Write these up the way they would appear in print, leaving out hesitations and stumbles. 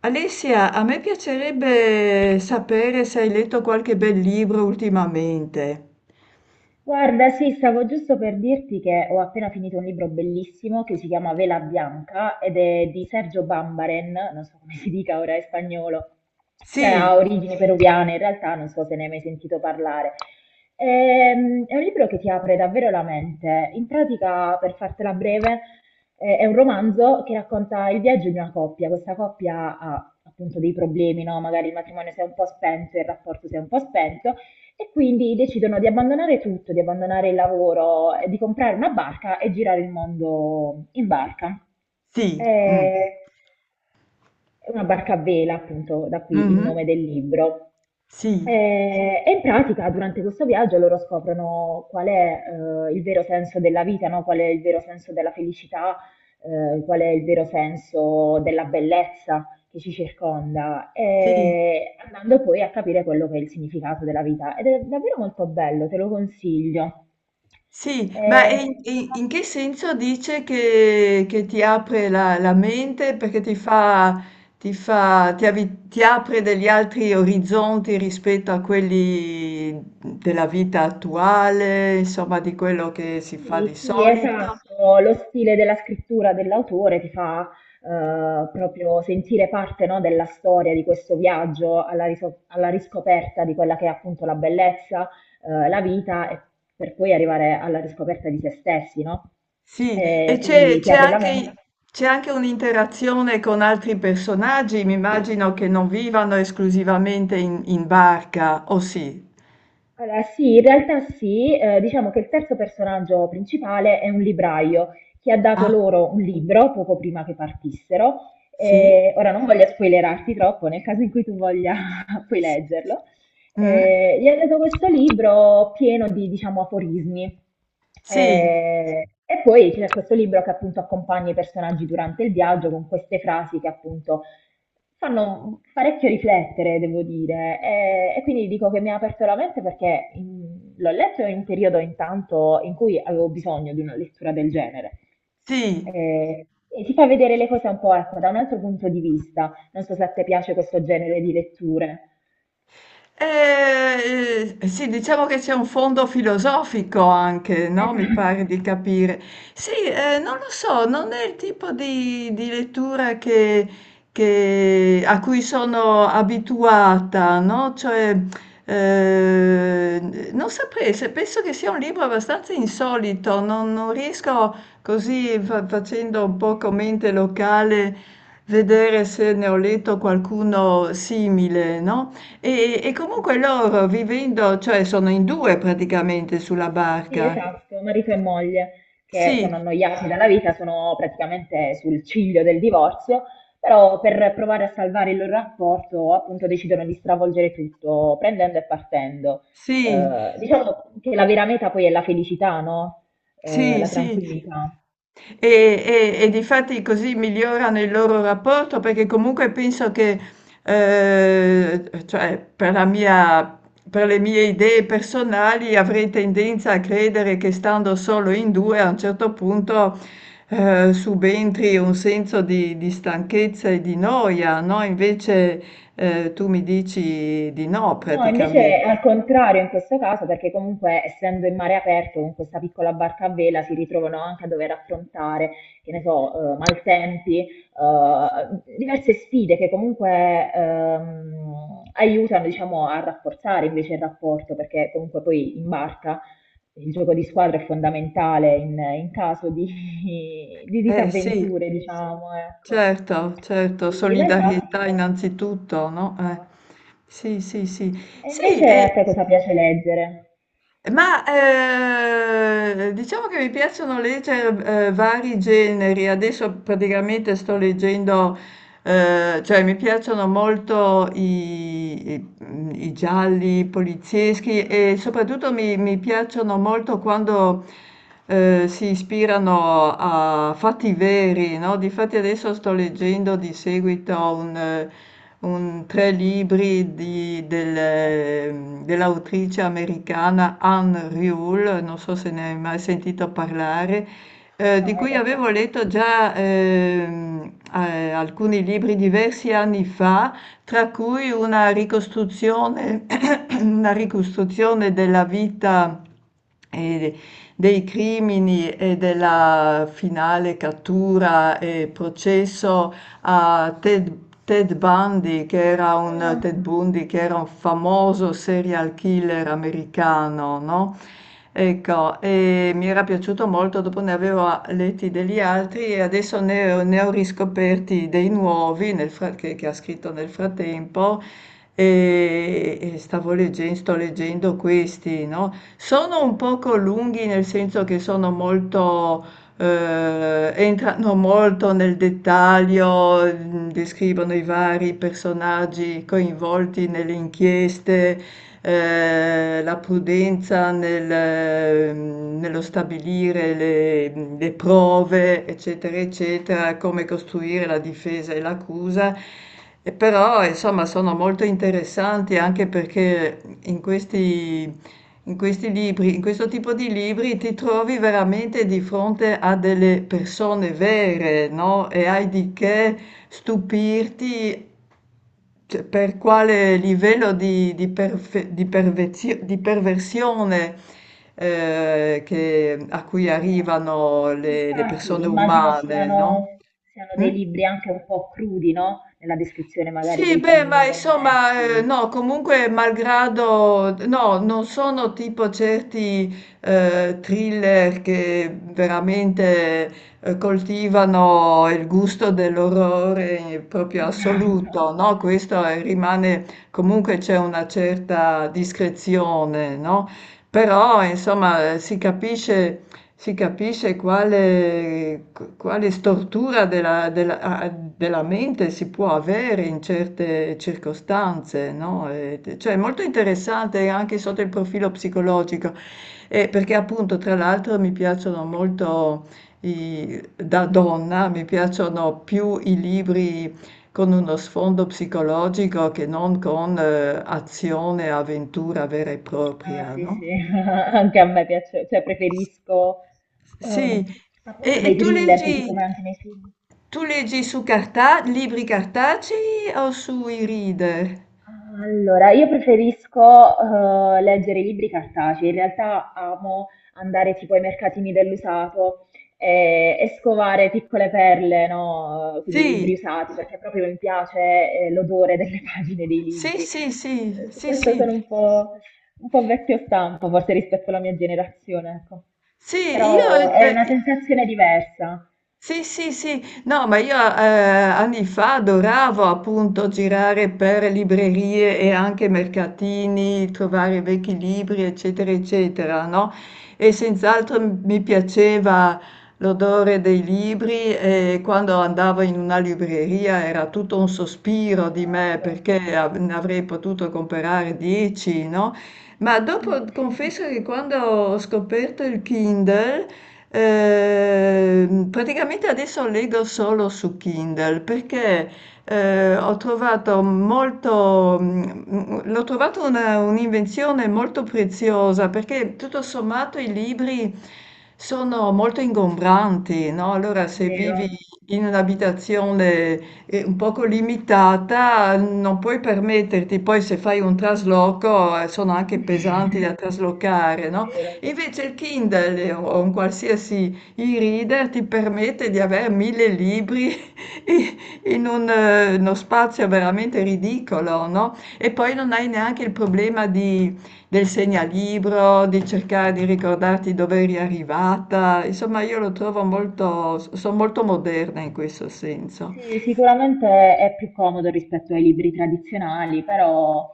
Alessia, a me piacerebbe sapere se hai letto qualche bel libro ultimamente. Guarda, sì, stavo giusto per dirti che ho appena finito un libro bellissimo che si chiama Vela Bianca ed è di Sergio Bambaren, non so come si dica ora in spagnolo, cioè ha Sì, origini peruviane, in realtà non so se ne hai mai sentito parlare. È un libro che ti apre davvero la mente. In pratica, per fartela breve, è un romanzo che racconta il viaggio di una coppia. Questa coppia ha appunto dei problemi, no? Magari il matrimonio si è un po' spento, il rapporto si è un po' spento. E quindi decidono di abbandonare tutto, di abbandonare il lavoro, di comprare una barca e girare il mondo in barca. sì, mm, Eh, È una barca a vela, appunto, da qui il nome mhm, del libro. sì, E in pratica, durante questo viaggio, loro scoprono qual è il vero senso della vita, no? Qual è il vero senso della felicità, qual è il vero senso della bellezza che ci circonda, sì, e andando poi a capire quello che è il significato della vita. Ed è davvero molto bello, te lo consiglio. sì, ma Eh, in che senso dice che, ti apre la mente perché ti fa, ti fa, ti avi- ti apre degli altri orizzonti rispetto a quelli della vita attuale, insomma, di quello che si fa di sì, sì, solito? esatto, lo stile della scrittura dell'autore ti fa proprio sentire parte, no, della storia di questo viaggio alla riscoperta di quella che è appunto la bellezza, la vita e per poi arrivare alla riscoperta di se stessi, no? Sì, e Eh, quindi ti apre la mente. C'è anche un'interazione con altri personaggi, mi immagino che non vivano esclusivamente in barca, o sì? Allora, sì, in realtà sì, diciamo che il terzo personaggio principale è un libraio che ha dato Ah, loro un libro poco prima che partissero. sì? Ora non voglio spoilerarti troppo, nel caso in cui tu voglia puoi S- leggerlo. mm? Gli ha dato questo libro pieno di, diciamo, aforismi. Sì, E poi c'è questo libro che appunto accompagna i personaggi durante il viaggio con queste frasi che appunto fanno parecchio riflettere, devo dire, e quindi dico che mi ha aperto la mente perché l'ho letto in un periodo intanto in cui avevo bisogno di una lettura del genere. sì. E ti fa vedere le cose un po', ecco, da un altro punto di vista. Non so se a te piace questo genere di letture. Sì, diciamo che c'è un fondo filosofico anche, no? Mi pare Esatto. di capire. Sì, non lo so, non è il tipo di, lettura a cui sono abituata, no? Cioè, non saprei, penso che sia un libro abbastanza insolito, non riesco così facendo un po' come mente locale vedere se ne ho letto qualcuno simile, no? E comunque loro vivendo cioè sono in due praticamente sulla Sì, barca. esatto, marito e moglie che Sì, sono annoiati dalla vita, sono praticamente sul ciglio del divorzio, però per provare a salvare il loro rapporto, appunto, decidono di stravolgere tutto, prendendo e partendo. sì. Diciamo che la vera meta poi è la felicità, no? Eh, Sì, la sì, sì. tranquillità. E, e Eh. difatti così migliorano il loro rapporto perché comunque penso che, cioè, per le mie idee personali avrei tendenza a credere che stando solo in due a un certo punto, subentri un senso di, stanchezza e di noia, no? Invece, tu mi dici di no No, invece è al praticamente. contrario in questo caso, perché comunque essendo in mare aperto con questa piccola barca a vela si ritrovano anche a dover affrontare, che ne so, maltempi, diverse sfide che comunque aiutano, diciamo, a rafforzare invece il rapporto, perché comunque poi in barca il gioco di squadra è fondamentale in caso di, di Eh sì. disavventure, sì, sì, diciamo, ecco. Certo, certo, In realtà si solidarietà riescono innanzitutto, no? A. Sì, sì, sì. E Sì, invece a te cosa piace leggere? ma diciamo che mi piacciono leggere vari generi. Adesso praticamente sto leggendo. Cioè mi piacciono molto i i gialli polizieschi e Ah, soprattutto mi piacciono molto quando, si ispirano a fatti veri, no, difatti adesso sto leggendo di seguito un tre libri ah, dell'autrice americana Anne Rule, non so se ne hai mai sentito parlare mm, di no, in cui realtà avevo no. letto già alcuni libri diversi anni fa, tra cui una ricostruzione, una ricostruzione della vita e dei crimini e della finale cattura e processo a Ted Bundy, Ah, che era un famoso serial killer americano, no? Ecco, e mi era piaciuto molto, dopo ne avevo letti degli altri e adesso ne ho riscoperti dei nuovi che ha scritto nel frattempo e sto leggendo questi, no? Sono un poco lunghi nel senso che sono molto entrano molto nel dettaglio, descrivono i vari personaggi coinvolti nelle inchieste, la prudenza nello stabilire le, prove, eccetera, eccetera, come costruire la difesa e l'accusa. E però, insomma, sono molto interessanti anche perché in questi libri, in questo tipo di libri ti trovi veramente di fronte a delle persone vere, no? E hai di che stupirti cioè, per quale livello di perfe- di pervezio- di perversione a cui eh, arrivano le Infatti, persone immagino umane, no? siano, dei Mm? libri anche un po' crudi, no? Nella descrizione magari Sì, dei beh, ma crimini insomma, commessi. no, comunque, malgrado, no, non sono tipo certi thriller che veramente coltivano il gusto dell'orrore proprio Esatto. assoluto, no? Rimane, comunque c'è una certa discrezione, no? Però, insomma, si capisce quale stortura della mente si può avere in certe circostanze, no? Cioè è molto interessante anche sotto il profilo psicologico, e perché appunto tra l'altro mi piacciono molto, da donna, mi piacciono più i libri con uno sfondo psicologico che non con azione, avventura vera e Ah, propria, sì, sì, no? anche a me piace, cioè preferisco Sì, ehm, e, appunto e dei tu thriller, così leggi, come anche nei film. tu leggi su carta, libri cartacei o sui reader? Allora, io preferisco leggere i libri cartacei, in realtà amo andare tipo ai mercatini dell'usato e scovare piccole perle, no? Quindi libri Sì, usati, perché proprio mi piace l'odore delle pagine dei sì, libri. sì, sì, Su sì, questo sì, sono un po' vecchio stampo, forse rispetto alla mia generazione, ecco. sì, Però è eh, una sensazione diversa. Sì, sì, sì. No, ma io, anni fa adoravo appunto girare per librerie e anche mercatini, trovare vecchi libri, eccetera, eccetera, no, e senz'altro m mi piaceva l'odore dei libri e quando andavo in una libreria era tutto un sospiro di me Esatto. perché av ne avrei potuto comprare 10, no, ma dopo Mm. confesso che quando ho scoperto il Kindle. Praticamente adesso leggo solo su Kindle perché ho trovato molto, l'ho trovato un'invenzione molto preziosa perché tutto sommato i libri sono molto ingombranti, no? Allora se Vero. vivi in un'abitazione un poco limitata non puoi permetterti, poi se fai un trasloco sono anche pesanti da traslocare, no? Vero. Invece il Kindle o un qualsiasi e-reader ti permette di avere mille libri i- in uno spazio veramente ridicolo, no? E poi non hai neanche il problema del segnalibro, di cercare di ricordarti dove eri arrivata. Insomma, io lo trovo molto, sono molto moderna in questo senso. Sì, sicuramente è più comodo rispetto ai libri tradizionali, però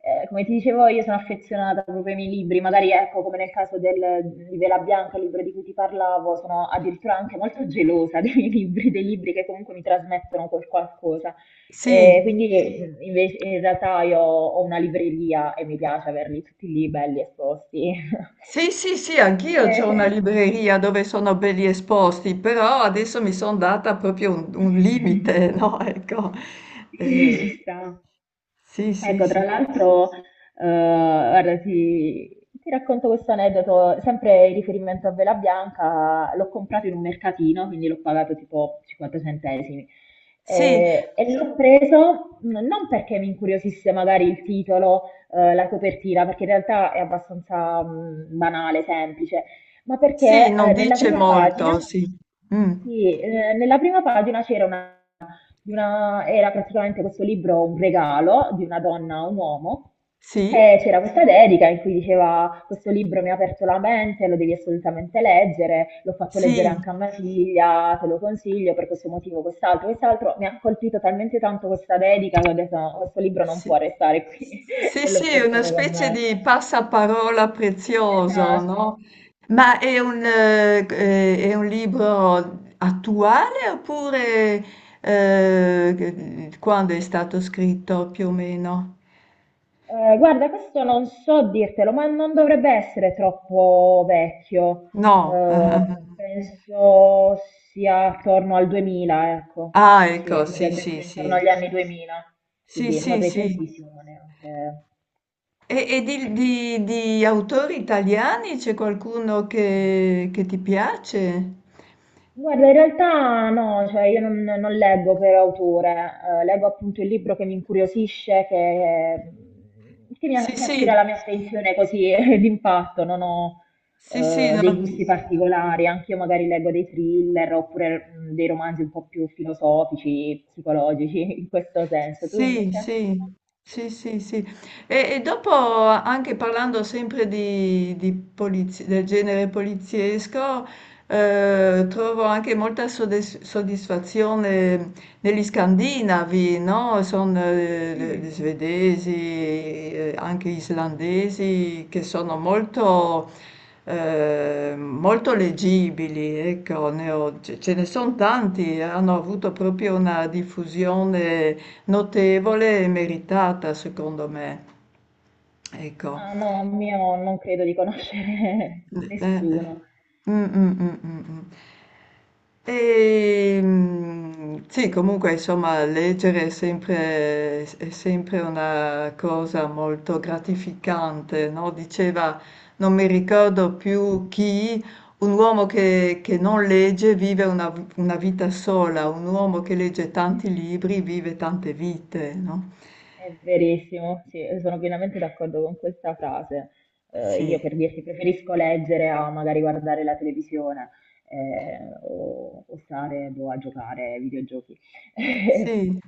come ti dicevo io sono affezionata proprio ai miei libri, magari ecco come nel caso di Vela Bianca, il libro di cui ti parlavo, sono addirittura anche molto gelosa dei miei libri, dei libri che comunque mi trasmettono quel qualcosa. Eh, Sì. quindi invece in realtà io ho una libreria e mi piace averli tutti lì belli esposti. Sì, sì, sì, anch'io c'ho una Eh, libreria dove sono belli esposti, però adesso mi sono data proprio un limite, no? Ecco. sì, Eh, ci sta. sì, sì, Ecco, tra sì. l'altro, guarda, ti racconto questo aneddoto, sempre in riferimento a Vela Bianca, l'ho comprato in un mercatino, quindi l'ho pagato tipo 50 centesimi Sì, e l'ho preso non perché mi incuriosisse magari il titolo, la copertina, perché in realtà è abbastanza banale, semplice, ma sì, perché non nella dice prima pagina, molto, sì. Mm. sì, nella prima pagina c'era una di una- era praticamente questo libro un regalo di una donna a un uomo. Sì, E c'era questa dedica in cui diceva: questo libro mi ha aperto la mente, lo devi assolutamente leggere. L'ho fatto leggere sì. anche a mia figlia, te lo consiglio per questo motivo, quest'altro, quest'altro. Mi ha colpito talmente tanto questa dedica che ho detto: "No, questo libro non Sì, può restare qui", sì, e l'ho sì, una portato con specie me. di passaparola prezioso, Esatto. no? Ma è un libro attuale oppure quando è stato scritto più o meno? Guarda, questo non so dirtelo, ma non dovrebbe essere troppo vecchio. No. Eh, penso sia attorno al 2000, ecco. Ah, ah, ah. Ah, Sì, ecco, sì, dovrebbe sì, essere intorno agli sì. anni 2000, Sì, quindi non sì, sì. recentissimo ma neanche. E di autori italiani c'è qualcuno che ti piace? Guarda, in realtà no, cioè io non, non leggo per autore, leggo appunto il libro che mi incuriosisce, eh, che mi a- Sì, che attira sì, la mia attenzione così d'impatto, non ho sì, sì, no. dei gusti particolari, anche io magari leggo dei thriller oppure dei romanzi un po' più filosofici, psicologici, in questo senso. Tu Sì, invece? sì, sì, sì, sì. E dopo, anche parlando sempre del genere poliziesco, trovo anche molta soddisfazione negli Scandinavi, no, son Mm. svedesi, anche islandesi che sono molto, molto leggibili, ecco, ne ho ce ce ne son tanti, hanno avuto proprio una diffusione notevole e meritata secondo me. Ecco. Ah no, mio non credo di conoscere Eh, eh. nessuno. Mm, mm, mm, mm, mm. E, sì, comunque, insomma, leggere è sempre una cosa molto gratificante, no? Diceva, non mi ricordo più chi, un uomo che non legge vive una vita sola, un uomo che legge tanti libri vive tante vite, no? È verissimo, sì, sono pienamente d'accordo con questa frase. Io Sì, per dirti preferisco leggere a magari guardare la televisione o, stare boh, a giocare ai videogiochi. sì,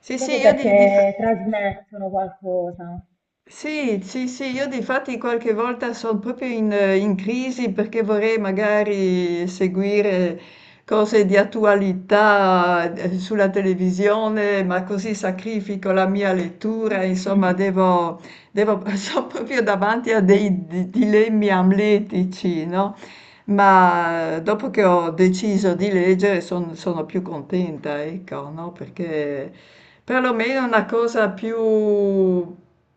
sì, sì, Proprio perché trasmettono qualcosa. Sì, sì, sì, io difatti qualche volta sono proprio in crisi perché vorrei magari seguire cose di attualità sulla televisione, ma così sacrifico la mia lettura, insomma, sono proprio davanti a dei dilemmi amletici, no? Ma dopo che ho deciso di leggere sono più contenta, ecco, no? Perché perlomeno una cosa più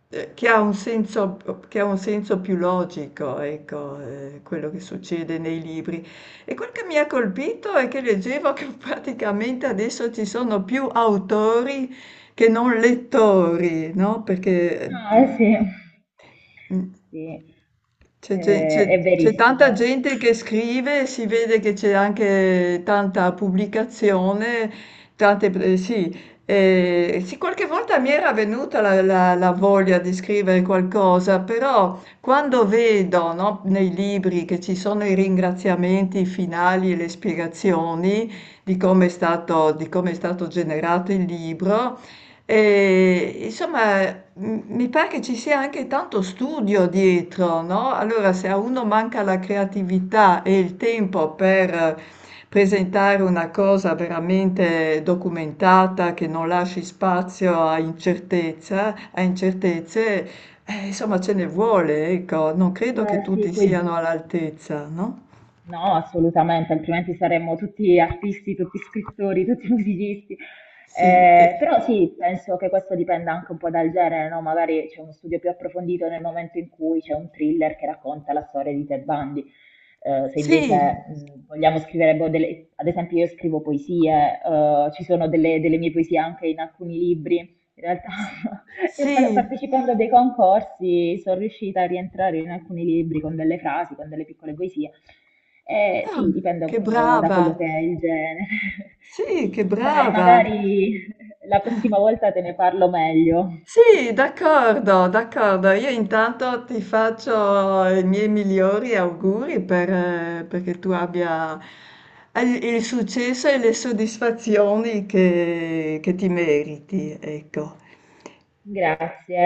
eh, che ha un senso, che ha un senso più logico, ecco, quello che succede nei libri. E quel che mi ha colpito è che leggevo che praticamente adesso ci sono più autori che non lettori, no? Perché Ah, eh sì, eh, sì, è c'è tanta verissimo. gente che scrive, e si vede che c'è anche tanta pubblicazione, tante, sì. Sì, qualche volta mi era venuta la, la voglia di scrivere qualcosa, però quando vedo, no, nei libri che ci sono i ringraziamenti finali e le spiegazioni di come è stato generato il libro, e, insomma, mi pare che ci sia anche tanto studio dietro, no? Allora, se a uno manca la creatività e il tempo per presentare una cosa veramente documentata, che non lasci spazio a incertezze, insomma, ce ne vuole, ecco. Non credo che Beh, tutti sì, siano poi. all'altezza, no? No, assolutamente, altrimenti saremmo tutti artisti, tutti scrittori, tutti musicisti. Sì, Però sì, penso che questo dipenda anche un po' dal genere, no? Magari c'è uno studio più approfondito nel momento in cui c'è un thriller che racconta la storia di Ted Bundy. Se invece sì, vogliamo scrivere, boh, ad esempio io scrivo poesie, ci sono delle mie poesie anche in alcuni libri, in realtà, io par- sì. partecipando a dei concorsi sono riuscita a rientrare in alcuni libri con delle frasi, con delle piccole poesie. Ah, Sì, dipende un che po' da quello brava. che è il genere. Sì, che Dai, brava! magari la prossima volta te ne parlo meglio. Sì, d'accordo, d'accordo. Io intanto ti faccio i miei migliori auguri perché tu abbia il successo e le soddisfazioni che ti meriti, ecco. Grazie.